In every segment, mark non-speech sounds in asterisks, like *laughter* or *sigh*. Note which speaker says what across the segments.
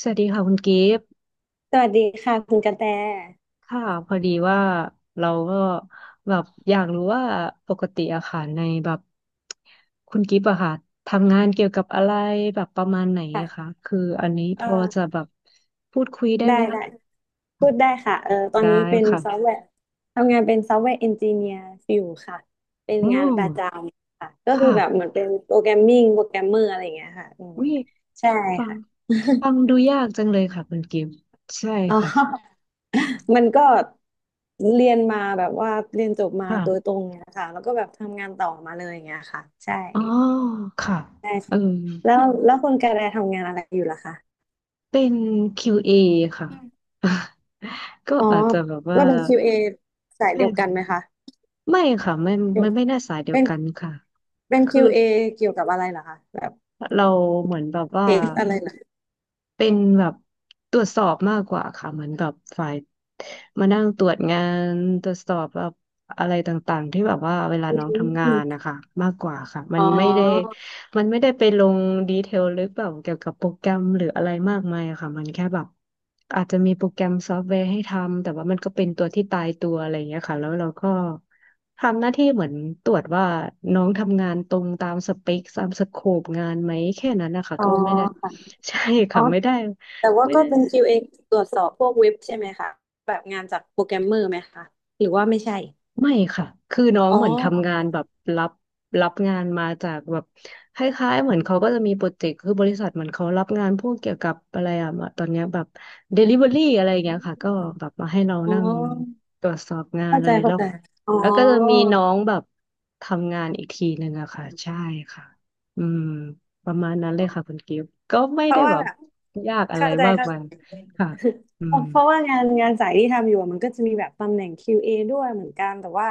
Speaker 1: สวัสดีค่ะคุณกิฟต์
Speaker 2: สวัสดีค่ะคุณกระแต
Speaker 1: ค่ะพอดีว่าเราก็แบบอยากรู้ว่าปกติอะค่ะในแบบคุณกิฟต์อะค่ะทำงานเกี่ยวกับอะไรแบบประมาณไหนอะคะ
Speaker 2: ค่ะ
Speaker 1: คืออันนี้
Speaker 2: เอ
Speaker 1: พอจะ
Speaker 2: อ
Speaker 1: แบบพูดคุยได้
Speaker 2: ได้
Speaker 1: ไหมคะ
Speaker 2: ได้
Speaker 1: อ่ะ
Speaker 2: พูดได้ค่ะเออตอน
Speaker 1: ได้
Speaker 2: นี้เป็น
Speaker 1: ค่ะ
Speaker 2: ซอฟต์แวร์ทำงานเป็นซอฟต์แวร์เอนจิเนียร์อยู่ค่ะเป็น
Speaker 1: โอ้
Speaker 2: งานประจำค่ะก็คือ
Speaker 1: ค่ะ
Speaker 2: แบบเหมือนเป็นโปรแกรมมิ่งโปรแกรมเมอร์อะไรอย่างเงี้ยค่ะอืม
Speaker 1: วิ
Speaker 2: ใช่
Speaker 1: ฟัง
Speaker 2: ค่ะ
Speaker 1: ฟังดูยากจังเลยค่ะคุณกิฟต์ใช่
Speaker 2: *laughs* อ๋อ
Speaker 1: ค่ะ
Speaker 2: *laughs* มันก็เรียนมาแบบว่าเรียนจบมา
Speaker 1: ค่ะ
Speaker 2: โดยตรงเนี่ยค่ะแล้วก็แบบทำงานต่อมาเลยอย่างเงี้ยค่ะใช่
Speaker 1: อ๋อค่ะ
Speaker 2: ใช่
Speaker 1: เอ
Speaker 2: ใช่
Speaker 1: อ
Speaker 2: แล้วคุณกระแตทำงานอะไรอยู่ล่ะคะ
Speaker 1: เป็น QA ค่ะ *laughs* ก็
Speaker 2: อ๋อ
Speaker 1: อาจจะแบบว่า
Speaker 2: เราเป็น QA สายเดียวกัน
Speaker 1: ใช่
Speaker 2: ไหมคะ
Speaker 1: ไม่ค่ะไม่
Speaker 2: เดี๋ยว
Speaker 1: ไม่ไม่น่าสายเดีย
Speaker 2: เป็
Speaker 1: ว
Speaker 2: น
Speaker 1: กันค่ะ
Speaker 2: เป็น
Speaker 1: คือ
Speaker 2: QA เอเกี่ยวกับอะไรเหรอคะ แบบ
Speaker 1: เราเหมือนแบบว่า
Speaker 2: เทสอะไรเหรอ
Speaker 1: เป็นแบบตรวจสอบมากกว่าค่ะเหมือนแบบฝ่ายมานั่งตรวจงาน ตรวจสอบแบบอะไรต่างๆ ที่แบบว่าเวลา
Speaker 2: อื
Speaker 1: น้องทำงา
Speaker 2: ม
Speaker 1: นนะคะมากกว่าค่ะมั
Speaker 2: อ๋
Speaker 1: นไม่ได้
Speaker 2: อ
Speaker 1: มันไม่ได้ไปลงดีเทลลึกแบบเกี่ยวกับโปรแกรมหรืออะไรมากมายอะค่ะมันแค่แบบอาจจะมีโปรแกรมซอฟต์แวร์ให้ทำแต่ว่ามันก็เป็นตัวที่ตายตัวอะไรอย่างเงี้ยค่ะแล้วเราก็ทำหน้าที่เหมือนตรวจว่าน้องทำงานตรงตามสเปคตามสโคปงานไหมแค่นั้นนะคะ
Speaker 2: อ๋อ
Speaker 1: ก็ไม่ได้
Speaker 2: ค่ะ
Speaker 1: *laughs* ใช่
Speaker 2: อ๋อ
Speaker 1: ค่ะไม่ได้
Speaker 2: แต่ว่า
Speaker 1: ไม่
Speaker 2: ก็
Speaker 1: ได้
Speaker 2: เป็น QA ตรวจสอบพวกเว็บใช่ไหมคะ แบบงานจากโปรแกรมเมอร์ไหมคะ หรือว่าไม่ใช่
Speaker 1: ไม่ค่ะคือน้อง
Speaker 2: อ๋อ
Speaker 1: เหมือนทำงานแบบรับงานมาจากแบบคล้ายๆเหมือนเขาก็จะมีโปรเจกต์คือบริษัทเหมือนเขารับงานพวกเกี่ยวกับอะไรอะตอนเนี้ยแบบ Delivery อะไรอย่างเงี้ยค่ะก็แบบมาให้เรา
Speaker 2: อ๋
Speaker 1: นั่ง
Speaker 2: อ
Speaker 1: ตรวจสอบงาน
Speaker 2: เข้า
Speaker 1: เล
Speaker 2: ใจ
Speaker 1: ยแล้
Speaker 2: เข้า
Speaker 1: ว
Speaker 2: ใจ อ๋อ
Speaker 1: แล้วก็จะมีน้องแบบทำงานอีกทีหนึ่งอะค่ะใช่ค่ะอืมประมาณนั้นเลยค่ะคุณกิฟต์ก็ไม่
Speaker 2: เพ
Speaker 1: ได้
Speaker 2: ราะว่า
Speaker 1: แบบ
Speaker 2: แบบ
Speaker 1: ยากอะไร
Speaker 2: เข้าใจ
Speaker 1: มาก
Speaker 2: เข้า
Speaker 1: มา
Speaker 2: ใจ
Speaker 1: ยค่ะอื
Speaker 2: เพร
Speaker 1: ม
Speaker 2: าะว่างานงานสายที่ทำอยู่อะมันก็จะมีแบบตำแหน่ง QA ด้วยเหมือนกันแต่ว่า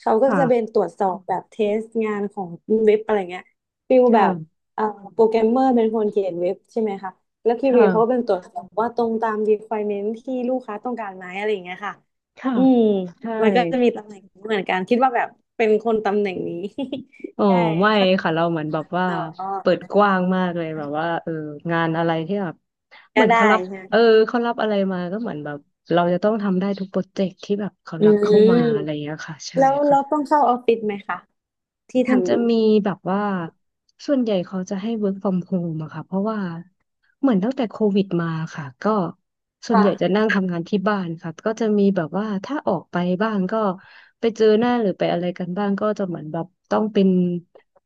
Speaker 2: เขา
Speaker 1: ค
Speaker 2: ก็จะเป็นต
Speaker 1: ่ะ
Speaker 2: รวจสอบแบบเทสงานของเว็บอะไรเงี้ยฟิลแบบ
Speaker 1: ค่ะ
Speaker 2: เอ่อโปรแกรมเมอร์เป็นคนเขียนเว็บใช่ไหมคะแล้ว
Speaker 1: ค
Speaker 2: QA เอเขาก็
Speaker 1: ่ะ
Speaker 2: เป็นตรวจสอบว่าตรงตาม requirement ที่ลูกค้าต้องการไหมอะไรอย่างเงี้ยค่ะ
Speaker 1: ค่ะ
Speaker 2: อืม
Speaker 1: ใช่
Speaker 2: มันก็จะมีตำแหน่งนี้เหมือนกันคิดว่าแบบเป็นคนตำแหน่งนี้
Speaker 1: อ๋อ
Speaker 2: *laughs* ใช่
Speaker 1: ไม่
Speaker 2: ค่ะ
Speaker 1: ค่ะเราเหมือนแบบว่า
Speaker 2: อ๋
Speaker 1: เปิด
Speaker 2: อ
Speaker 1: กว้างมากเลยแบบว่าเอองานอะไรที่แบบเห
Speaker 2: ก็
Speaker 1: มือน
Speaker 2: ได้
Speaker 1: เขารับ
Speaker 2: ใช่ไหม
Speaker 1: เออเขารับอะไรมาก็เหมือนแบบเราจะต้องทำได้ทุกโปรเจกต์ที่แบบเขา
Speaker 2: อื
Speaker 1: รับเข้า
Speaker 2: ม
Speaker 1: มาอะไรอย่างเงี้ยค่ะใช่
Speaker 2: แล้วเราต้อ
Speaker 1: ค่ะ
Speaker 2: งเข้าออฟฟิศไหมคะที่
Speaker 1: มัน
Speaker 2: ทำ
Speaker 1: จะ
Speaker 2: อยู่
Speaker 1: มีแบบว่าส่วนใหญ่เขาจะให้ work from home อะค่ะเพราะว่าเหมือนตั้งแต่โควิดมาค่ะก็ส่วน
Speaker 2: ค่ะ
Speaker 1: ใหญ่จะนั่งทำงานที่บ้านค่ะก็จะมีแบบว่าถ้าออกไปบ้างก็ไปเจอหน้าหรือไปอะไรกันบ้างก็จะเหมือนแบบต้องเป็น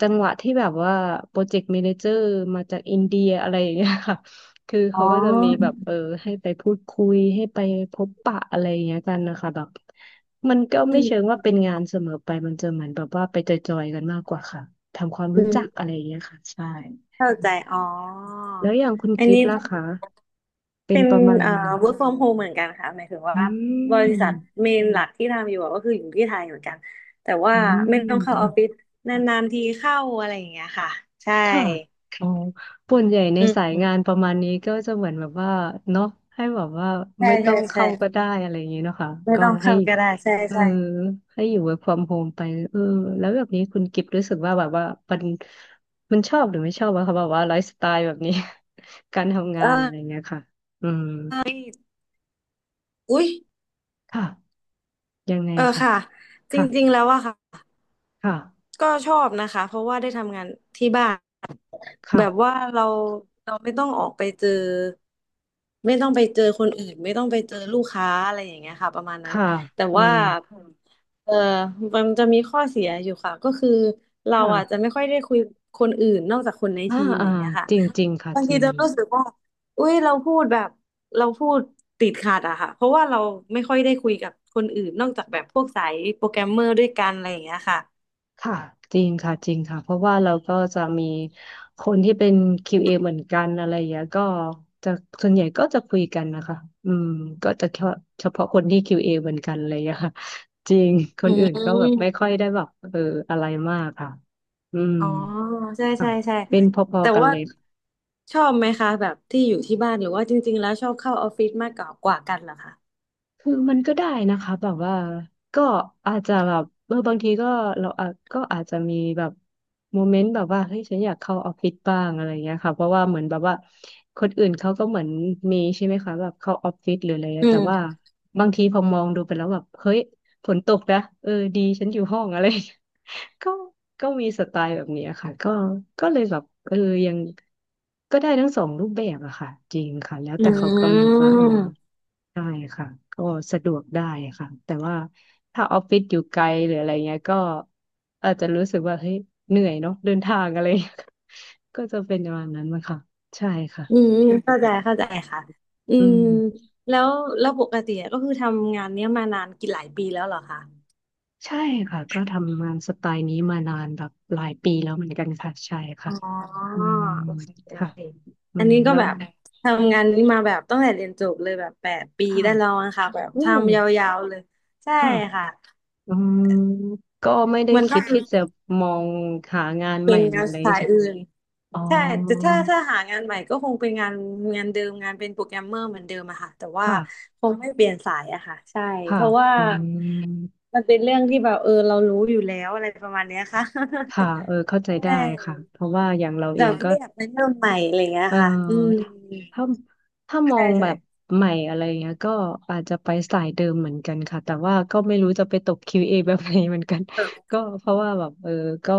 Speaker 1: จังหวะที่แบบว่าโปรเจกต์ a ม a นเจอร์มาจากอินเดียอะไรอย่างเงี้ยค่ะ *laughs* คือ
Speaker 2: อ๋อ
Speaker 1: เขาก็จะมีแบบเออให้ไปพูดคุยให้ไปพบปะอะไรอย่างเงี้ยกันนะคะแบบ มันก็
Speaker 2: อื
Speaker 1: ไม่เชิง
Speaker 2: ม
Speaker 1: ว่าเป็นงานเสมอไปมันจะเหมือนแบบว่าไปจอยๆกันมากกว่าค่ะทำความ
Speaker 2: อื
Speaker 1: รู้จักอะ
Speaker 2: ม
Speaker 1: ไรอย่างเงี้ยค่ะใช่
Speaker 2: เข้า
Speaker 1: อื
Speaker 2: ใจ
Speaker 1: ม
Speaker 2: อ๋อ
Speaker 1: แล้วอย่างคุณ
Speaker 2: อัน
Speaker 1: กิฟ
Speaker 2: นี้
Speaker 1: ต์
Speaker 2: เ
Speaker 1: ล่ะคะเป็น
Speaker 2: ป็น
Speaker 1: ประมาณ
Speaker 2: เอ่อ
Speaker 1: ไหน
Speaker 2: work from home เหมือนกันค่ะหมายถึงว่า
Speaker 1: อื
Speaker 2: บริษัท
Speaker 1: ม
Speaker 2: เมนหลักที่ทำอยู่อะก็คืออยู่ที่ไทยเหมือนกันแต่ว่า
Speaker 1: อื
Speaker 2: ไม่
Speaker 1: ม
Speaker 2: ต้องเข้าอ
Speaker 1: ค่ะ
Speaker 2: อฟฟิศนานๆทีเข้าอะไรอย่างเงี้ยค่ะใช่
Speaker 1: ค่ะอ๋อส่วนใหญ่ใน
Speaker 2: อื
Speaker 1: สายงา
Speaker 2: ม
Speaker 1: นประมาณนี้ก็จะเหมือนแบบว่าเนาะให้แบบว่า
Speaker 2: ใช่
Speaker 1: ไม่ต้
Speaker 2: ใช่
Speaker 1: อง
Speaker 2: ใช่
Speaker 1: เข้าก็ได้อะไรอย่างนี้เนาะค่ะ
Speaker 2: ไม่
Speaker 1: ก็
Speaker 2: ต้อง
Speaker 1: ให้
Speaker 2: เข้าก็ได้ใช่
Speaker 1: เออ
Speaker 2: ใช่
Speaker 1: ให้อยู่ work from home ไปเออแล้วแบบนี้คุณกิฟต์รู้สึกว่าแบบว่ามันชอบหรือไม่ชอบอะคะแบบว่าไลฟ์สไตล์แบบนี้ *laughs* การทำงา
Speaker 2: เอ
Speaker 1: น
Speaker 2: อ
Speaker 1: อะไรเงี้ยค่ะอืม
Speaker 2: เอ้ยอุ๊ย
Speaker 1: ค่ะยังไง
Speaker 2: เออ
Speaker 1: ค่ะ
Speaker 2: ค่ะจ
Speaker 1: ค่ะ
Speaker 2: ริงๆแล้วอะค่ะ
Speaker 1: ค่ะ
Speaker 2: ก็ชอบนะคะเพราะว่าได้ทำงานที่บ้าน แบ
Speaker 1: ค่ะ
Speaker 2: บว่าเราเราไม่ต้องออกไปเจอไม่ต้องไปเจอคนอื่นไม่ต้องไปเจอลูกค้าอะไรอย่างเงี้ยค่ะประมาณนั้น
Speaker 1: ค่ะ
Speaker 2: แต่
Speaker 1: อื
Speaker 2: ว่า
Speaker 1: ม
Speaker 2: เออมันจะมีข้อเสียอยู่ค่ะก็คือเราอาจจะ
Speaker 1: ค่ะ
Speaker 2: ไม่ค่อยได้คุยคนอื่นนอกจากคนใน
Speaker 1: อ่า
Speaker 2: ทีมอ
Speaker 1: อ่า
Speaker 2: ย่างเงี้ยค่ะ
Speaker 1: จริงจริงค่ะ
Speaker 2: บาง
Speaker 1: จ
Speaker 2: ที
Speaker 1: ริง
Speaker 2: จะรู้สึกว่าอุ้ยเราพูดแบบเราพูดติดขัดอะค่ะเพราะว่าเราไม่ค่อยได้คุยกับคนอื่นนอกจากแบบพวกสายโปรแกรมเมอร์ด้วยกันอะไรอย่างเงี้ยค่ะ
Speaker 1: ค่ะจริงค่ะจริงค่ะเพราะว่าเราก็จะมีคนที่เป็น QA เอเหมือนกันอะไรอย่างเงี้ยก็จะส่วนใหญ่ก็จะคุยกันนะคะอืมก็จะเฉพาะคนที่ QA เอเหมือนกันอะไรอย่างเงี้ยค่ะจริงค
Speaker 2: อื
Speaker 1: นอื่นก็แบบไม่
Speaker 2: ม
Speaker 1: ค่อยได้แบบเอออะไรมากค่ะอืม
Speaker 2: อ๋อใช่
Speaker 1: ค่ะ
Speaker 2: ใช่ใช่
Speaker 1: เป็นพอ
Speaker 2: แต่
Speaker 1: ๆกัน
Speaker 2: ว่า
Speaker 1: เลย
Speaker 2: ชอบไหมคะแบบที่อยู่ที่บ้านหรือว่าจริงๆแล้วชอบเข้าออฟฟิศมากกว่ากันเหรอคะ
Speaker 1: คือมันก็ได้นะคะแบบว่าก็อาจจะแบบเออบางทีก็เราอาจก็อาจจะมีแบบโมเมนต์แบบว่าเฮ้ยฉันอยากเข้าออฟฟิศบ้างอะไรเงี้ยค่ะเพราะว่าเหมือนแบบว่าคนอื่นเขาก็เหมือนมีใช่ไหมคะแบบเข้าออฟฟิศหรืออะไร
Speaker 2: อื
Speaker 1: เงี้ยแต่ว่า
Speaker 2: ม
Speaker 1: บางทีพอมองดูไปแล้วแบบเฮ้ยฝนตกนะเออดีฉันอยู่ห้องอะไร *laughs* ก็มีสไตล์แบบเนี้ยค่ะก็เลยแบบเออยังก็ได้ทั้งสองรูปแบบอะค่ะจริงค่ะแล้ว
Speaker 2: อื
Speaker 1: แต่เขากำหนดว่าเออ
Speaker 2: ม
Speaker 1: ได้ค่ะก็สะดวกได้ค่ะแต่ว่าถ้าออฟฟิศอยู่ไกลหรืออะไรเงี้ยก็อาจจะรู้สึกว่าเฮ้ยเหนื่อยเนาะเดินทางอะไรเงี้ย *laughs* ก็จะเป็นประมาณนั้นมั้งค่ะใช่ค่ะ
Speaker 2: อืมเข้าใจเข้าใจค่ะอื
Speaker 1: อื
Speaker 2: ม
Speaker 1: ม
Speaker 2: แล้วแล้วปกติก็คือทำงานเนี้ยมานานกี่หลายปีแล้วเหรอคะ
Speaker 1: ใช่ค่ะก็ทำงานสไตล์นี้มานานแบบหลายปีแล้วเหมือนกันค่ะใช่ค่ะ
Speaker 2: อ๋อโ
Speaker 1: อืม
Speaker 2: อเคโอ
Speaker 1: ค่ะ
Speaker 2: เค
Speaker 1: อื
Speaker 2: อัน
Speaker 1: ม
Speaker 2: นี้ก็
Speaker 1: แล้ว
Speaker 2: แบบทำงานนี้มาแบบตั้งแต่เรียนจบเลยแบบ8 ปี
Speaker 1: ค่ะ
Speaker 2: ได้แล้วนะคะแบบ
Speaker 1: อู้
Speaker 2: ทำยาวๆเลยใช่
Speaker 1: ค่ะ
Speaker 2: ค่ะ
Speaker 1: อืมก็ไม่ได้
Speaker 2: มัน
Speaker 1: คิ
Speaker 2: ก็
Speaker 1: ด
Speaker 2: คือ
Speaker 1: ที่จะมองหางานให
Speaker 2: เป็
Speaker 1: ม่
Speaker 2: น
Speaker 1: หรือ
Speaker 2: งาน
Speaker 1: อะไร
Speaker 2: สาย
Speaker 1: ใช่ไหม
Speaker 2: อื่น
Speaker 1: อ๋อ
Speaker 2: ใช่แต่ถ้าถ้าหางานใหม่ก็คงเป็นงานเดิมงานเป็นโปรแกรมเมอร์เหมือนเดิมอะค่ะแต่ว่า
Speaker 1: ค่ะ
Speaker 2: คงไม่เปลี่ยนสายอะค่ะใช่
Speaker 1: ค่ะ
Speaker 2: เพราะว่า
Speaker 1: อืม
Speaker 2: มันเป็นเรื่องที่แบบเออเรารู้อยู่แล้วอะไรประมาณเนี้ยค่ะ
Speaker 1: ค่ะเออเข้า
Speaker 2: *laughs*
Speaker 1: ใจ
Speaker 2: ใช
Speaker 1: ได้
Speaker 2: ่
Speaker 1: ค่ะ เพราะว่าอย่างเราเอ
Speaker 2: แบ
Speaker 1: ง
Speaker 2: บ
Speaker 1: ก็
Speaker 2: ไม่อยากไปเริ่มใหม่อะไรเงี้ย
Speaker 1: เออ
Speaker 2: ค่ะอืม
Speaker 1: ถ้าถ้าถ้ามอ
Speaker 2: ใช่
Speaker 1: งแบ
Speaker 2: ใช่
Speaker 1: บใหม่อะไรเงี้ยก็อาจจะไปสายเดิมเหมือนกันค่ะแต่ว่าก็ไม่รู้จะไปตก QA แบบไหนเหมือนกัน *laughs* ก็เพราะว่าแบบก็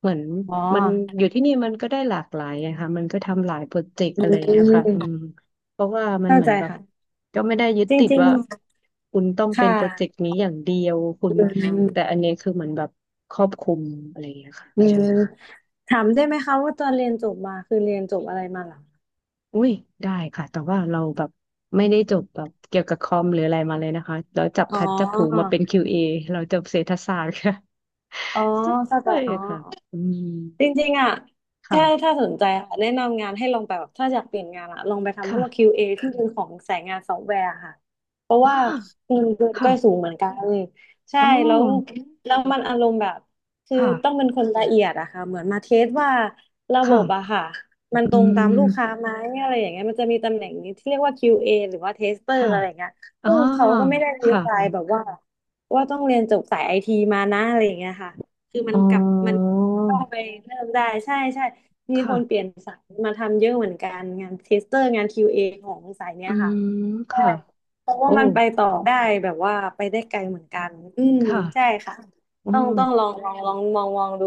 Speaker 1: เหมือน
Speaker 2: อ๋
Speaker 1: มัน
Speaker 2: อ
Speaker 1: อยู่ที่นี่มันก็ได้หลากหลายอะค่ะมันก็ทำหลายโปรเจกต์
Speaker 2: อื
Speaker 1: อะไรเงี้ยค่ะอื
Speaker 2: ม
Speaker 1: มเพราะว่ามัน
Speaker 2: เข้า
Speaker 1: เหมือ
Speaker 2: ใจ
Speaker 1: นแบบ
Speaker 2: ค่ะ
Speaker 1: ก็ไม่ได้ยึด
Speaker 2: จ
Speaker 1: ติด
Speaker 2: ริง
Speaker 1: ว่าคุณต้อง
Speaker 2: ๆค
Speaker 1: เป็นโปรเจก
Speaker 2: ่ะ
Speaker 1: ต์นี้อย่างเดียวคุ
Speaker 2: อ
Speaker 1: ณ
Speaker 2: ืม
Speaker 1: แต่อันนี้คือเหมือนแบบครอบคลุมอะไรเงี้ยค่ะ
Speaker 2: อื
Speaker 1: ใช่
Speaker 2: มถามได้ไหมคะว่าตอนเรียนจบมาคือเรียนจบอะไรมาเหรอ
Speaker 1: อุ้ยได้ค่ะแต่ว่าเราแบบไม่ได้จบแบบเกี่ยวกับคอมหรืออะไรมาเลยนะคะเราจับ
Speaker 2: อ๋อ
Speaker 1: พัดจับผูมาเป็น QA เอเราจบเศรษฐศาสตร์ค่ะ
Speaker 2: อ๋อ
Speaker 1: *laughs*
Speaker 2: เข้าใจ
Speaker 1: ใช่
Speaker 2: อ๋อ
Speaker 1: ค่ะอืม
Speaker 2: จริงๆอ่ะแค่ถ้า
Speaker 1: ค่ะ
Speaker 2: สนใจค่ะแนะนำงานให้ลองไปแบบถ้าอยากเปลี่ยนงานอ่ะ ลองไปทำพ
Speaker 1: ค่ะ
Speaker 2: วก QA ที่เป็นของสายงานซอฟต์แวร์ค่ะ เพราะ
Speaker 1: อ้า
Speaker 2: ว่าเงินเดือนก็
Speaker 1: ค่ะ
Speaker 2: สูงเหมือนกันใช่
Speaker 1: อ๋
Speaker 2: แล้ว
Speaker 1: อ
Speaker 2: แล้วมันอารมณ์แบบ คือ
Speaker 1: ค่ะ
Speaker 2: ต้องเป็นคนละเอียดอะค่ะเหมือนมาเทสว่าระบ
Speaker 1: ค่ะ
Speaker 2: บอะค่ะ มันต
Speaker 1: อื
Speaker 2: รงตามลูกค้า
Speaker 1: ม
Speaker 2: ไหมอะไรอย่างเงี้ยมันจะมีตำแหน่งนี้ที่เรียกว่า QA หรือว่าเทสเตอร์
Speaker 1: ค่ะ
Speaker 2: อะไรอย่างเงี้ย
Speaker 1: อ่า
Speaker 2: ซึ่งเขาก็ไม่ได้รี
Speaker 1: ค่ะ
Speaker 2: ไฟแบบว่าว่าต้องเรียนจบสายไอทีมานะอะไรอย่างเงี้ยค่ะคือมั
Speaker 1: อ๋
Speaker 2: นกลับมัน
Speaker 1: อ
Speaker 2: ต้องไปเริ่มได้ใช่ใช่มีคนเปลี่
Speaker 1: ค่ะ
Speaker 2: ยนสายมาทำเยอะเหมือนกันงานเทสเตอร์งานคิวเอของสายเนี้
Speaker 1: อื
Speaker 2: ยค่ะ
Speaker 1: ม
Speaker 2: ใช่
Speaker 1: ค่ะ
Speaker 2: เพราะว่า
Speaker 1: โอ้
Speaker 2: มันไปต่อได้แบบว่าไปได้ไกลเหมือนกันอืม
Speaker 1: ค่ะ
Speaker 2: ใช่ค่ะ
Speaker 1: โอ
Speaker 2: ต้องลองมองดู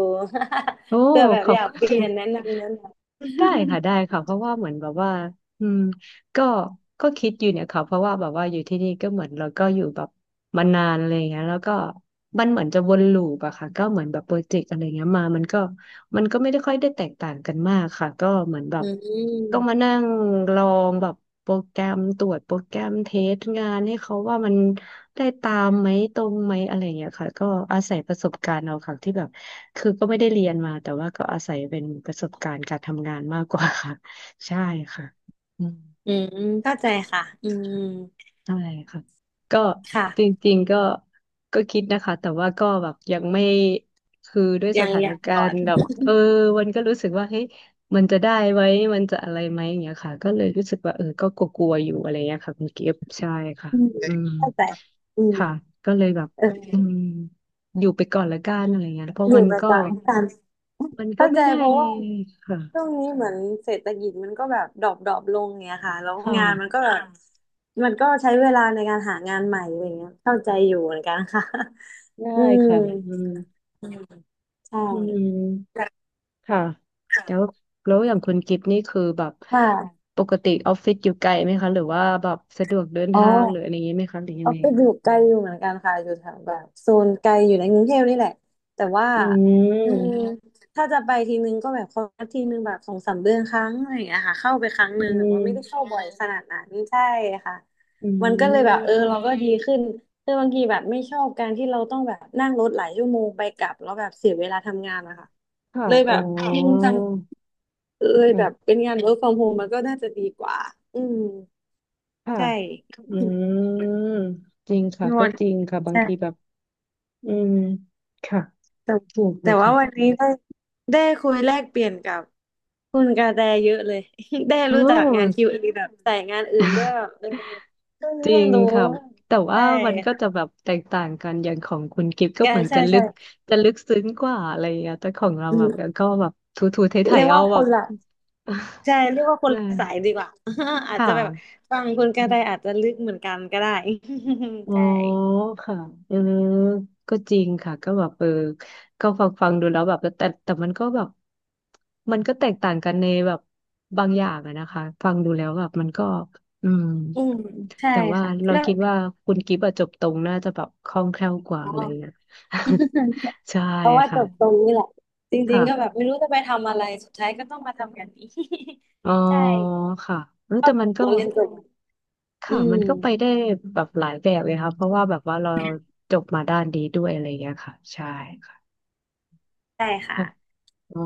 Speaker 1: โอ้
Speaker 2: *laughs* เผื่อแบบ
Speaker 1: ขอ
Speaker 2: อ
Speaker 1: บ
Speaker 2: ยาก
Speaker 1: คุณ
Speaker 2: เปลี่ย
Speaker 1: *laughs*
Speaker 2: นแนะนำแนะนำ
Speaker 1: ได้ค่ะได้ค่ะเพราะว่าเหมือนแบบว่าอืม ก็ก็คิดอยู่เนี่ยค่ะเพราะว่าแบบว่าอยู่ที่นี่ก็เหมือนเราก็อยู่แบบมานานอะไรอย่างเงี้ยแล้วก็มันเหมือนจะวนลูปอะค่ะก็เหมือนแบบโปรเจกต์อะไรเงี้ยมามันก็ไม่ได้ค่อยได้แตกต่างกันมากค่ะก็เหมือนแบ
Speaker 2: อื
Speaker 1: บต้อง
Speaker 2: ม
Speaker 1: มานั่งลองแบบโปรแกรมตรวจโปรแกรมเทสงานให้เขาว่ามันได้ตามไหมตรงไหมอะไรเงี้ยค่ะก็อาศัยประสบการณ์เอาค่ะที่แบบคือก็ไม่ได้เรียนมาแต่ว่าก็อาศัยเป็นประสบการณ์การทำงานมากกว่าค่ะใช่ค่ะอืม
Speaker 2: อืมเข้าใจค่ะ
Speaker 1: ค่ะ
Speaker 2: อืม
Speaker 1: ใช่ค่ะก็จ
Speaker 2: ค่ะ
Speaker 1: ริงๆก็คิดนะคะแต่ว่าก็แบบยังไม่คือด้วยส
Speaker 2: ยัง
Speaker 1: ถาน
Speaker 2: ยัง
Speaker 1: กา
Speaker 2: ก่อ
Speaker 1: ร
Speaker 2: น
Speaker 1: ณ์แบบมันก็รู้สึกว่าเฮ้ยมันจะได้ไหมมันจะอะไรไหมอย่างเงี้ยค่ะก็เลยรู้สึกว่าก็กลัวๆอยู่อะไรเงี้ยค่ะคุณกิฟต์ใช่ค่ะ
Speaker 2: อืม
Speaker 1: อืม
Speaker 2: เข้าใจอืม
Speaker 1: ค่ะก็เลยแบบ
Speaker 2: เออ
Speaker 1: อืมอยู่ไปก่อนละกันอะไรเงี้ยเพราะ
Speaker 2: อยู่
Speaker 1: มัน
Speaker 2: ประ
Speaker 1: ก็
Speaker 2: จำกัน
Speaker 1: มันก็
Speaker 2: เข้าใจ
Speaker 1: ไม่ได้
Speaker 2: เพราะว่า
Speaker 1: ค่ะ
Speaker 2: ช่วงนี้เหมือนเศรษฐกิจมันก็แบบดรอปดรอปลงเงี้ยค่ะแล้ว
Speaker 1: ค
Speaker 2: งานมัน
Speaker 1: ่ะ
Speaker 2: ก็แบบมันก็ใช้เวลาในการหางานใหม่อะไรเงี้ยเข้าใจอยู่เหมือนกันค่ะ
Speaker 1: ได้
Speaker 2: *laughs* อืม
Speaker 1: ค่ะอืม
Speaker 2: อืมใช่
Speaker 1: อืม ค่ะแล้วแล้วอย่างคุณกิฟต์นี่คือแบบ
Speaker 2: ค่ะ
Speaker 1: ปกติออฟฟิศอยู่ไกลไหมคะหรือว่าแบบสะดวกเดิน
Speaker 2: อ๋อ
Speaker 1: ทางหรืออะไรอย่างนี้ไหมคะหรือยั
Speaker 2: อ
Speaker 1: ง
Speaker 2: อ
Speaker 1: ไง
Speaker 2: ฟฟิศอยู่ไกลอยู่เหมือนกันค่ะอยู่แถวแบบโซนไกลอยู่ในกรุงเทพนี่แหละแต่ว่า
Speaker 1: อื
Speaker 2: อือืมม
Speaker 1: ม
Speaker 2: ถ้าจะไปทีนึงก็แบบครั้งทีนึงแบบสองสามเดือนครั้งอะไรอย่างเงี้ยค่ะเข้าไปครั้ง
Speaker 1: อื
Speaker 2: นึงแต่
Speaker 1: ม
Speaker 2: ว่าไม่ได้เข้าบ่อยขนาดนั้นใช่ค่ะ
Speaker 1: อื
Speaker 2: มันก็เลยแบบเออเรา
Speaker 1: ม
Speaker 2: ก็ดีขึ้นคือบางทีแบบไม่ชอบการที่เราต้องแบบนั่งรถหลายชั่วโมงไปกลับแล้วแบบเสียเวลาทำงานนะคะ
Speaker 1: ค่ะ
Speaker 2: เลย
Speaker 1: อ๋
Speaker 2: แบ
Speaker 1: อ
Speaker 2: บอืมจังเลย
Speaker 1: ค่ะ
Speaker 2: แบบเป็นงาน work from home มันก็น่าจะดีกว่าอืม
Speaker 1: ค่ะ
Speaker 2: ใช่
Speaker 1: อืมจริงค่ะ
Speaker 2: นว
Speaker 1: ก็
Speaker 2: ด
Speaker 1: จริงค่ะบางทีแบบอืมค่ะ
Speaker 2: แต่
Speaker 1: ถูกเล
Speaker 2: แต่
Speaker 1: ย
Speaker 2: ว่า
Speaker 1: ค่ะ
Speaker 2: วันนี้ได้ได้คุยแลกเปลี่ยนกับคุณกาแตเยอะเลย *laughs* ได้รู้
Speaker 1: โน้
Speaker 2: จักงาน QA แบบสายงานอื่นด้วย
Speaker 1: *laughs*
Speaker 2: แบบเออเพิ่ง
Speaker 1: จริ
Speaker 2: เพิ่ง
Speaker 1: ง
Speaker 2: รู้
Speaker 1: ค่ะแต่ว่า
Speaker 2: ใช่
Speaker 1: มันก็จะแบบแตกต่างกันอย่างของคุณกิฟก็
Speaker 2: ใช่
Speaker 1: เหมือน
Speaker 2: ใช่
Speaker 1: จะลึ
Speaker 2: ใช่
Speaker 1: กจะลึกซึ้งกว่าอะไรอย่างเงี้ยแต่ของเรา
Speaker 2: อื
Speaker 1: แบบ
Speaker 2: ม
Speaker 1: ก็แบบทูทูไท
Speaker 2: เรี
Speaker 1: ย
Speaker 2: ย
Speaker 1: ๆ
Speaker 2: ก
Speaker 1: เอา
Speaker 2: ว่าค
Speaker 1: แบบ
Speaker 2: นละใช่เรียกว่าค
Speaker 1: *laughs*
Speaker 2: น
Speaker 1: น
Speaker 2: ละสาย
Speaker 1: ะ
Speaker 2: ดีกว่า *laughs* อาจ
Speaker 1: ค่ะ
Speaker 2: จะแบบฟังคุณ
Speaker 1: อื
Speaker 2: กาแต
Speaker 1: ม
Speaker 2: อาจจะลึกเหมือนกันก็ได้
Speaker 1: อ๋
Speaker 2: *laughs*
Speaker 1: อ
Speaker 2: ใช่
Speaker 1: ค่ะเออก็จริงค่ะก็แบบก็ฟังดูแล้วแบบแต่มันก็แบบมันก็แตกต่างกันในแบบบางอย่างอะนะคะฟังดูแล้วแบบมันก็อืม
Speaker 2: อืมใช่
Speaker 1: แต่ว่า
Speaker 2: ค่ะ
Speaker 1: เรา
Speaker 2: แล้ว
Speaker 1: คิดว่าคุณกิฟต์อะจบตรงน่าจะแบบคล่องแคล่วกว่า
Speaker 2: อ๋อ
Speaker 1: อะไรเงี้ย
Speaker 2: *laughs*
Speaker 1: *laughs* ใช่
Speaker 2: เพราะว่าจ
Speaker 1: ค่ะ
Speaker 2: บตรงนี้แหละจริง
Speaker 1: ค่ะ
Speaker 2: ๆก็แบบไม่รู้จะไปทำอะไรสุดท้ายก็ต้องมาทำงานนี้
Speaker 1: อ๋อ
Speaker 2: *laughs* ใช่
Speaker 1: ค่ะเออแต่มันก็
Speaker 2: เราเรียนตัวอื
Speaker 1: ค่ะมันก็ไป
Speaker 2: ม
Speaker 1: ได้แบบหลายแบบเลยค่ะเพราะว่าแบบว่าเราจบมาด้านนี้ด้วยอะไรเงี้ยค่ะใช่ค่ะ
Speaker 2: ได้ค่ะ
Speaker 1: อ๋อ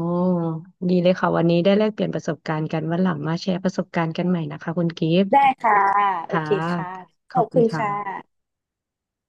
Speaker 1: ดีเลยค่ะวันนี้ได้แลกเปลี่ยนประสบการณ์กันวันหลังมาแชร์ประสบการณ์กันใหม่นะคะคุณกิฟต์
Speaker 2: ได้ค่ะโอ
Speaker 1: ค่ะ
Speaker 2: เคค่ะ
Speaker 1: ข
Speaker 2: ข
Speaker 1: อ
Speaker 2: อ
Speaker 1: บ
Speaker 2: บ
Speaker 1: คุ
Speaker 2: คุ
Speaker 1: ณ
Speaker 2: ณ
Speaker 1: ค
Speaker 2: ค่ะ
Speaker 1: ่ะ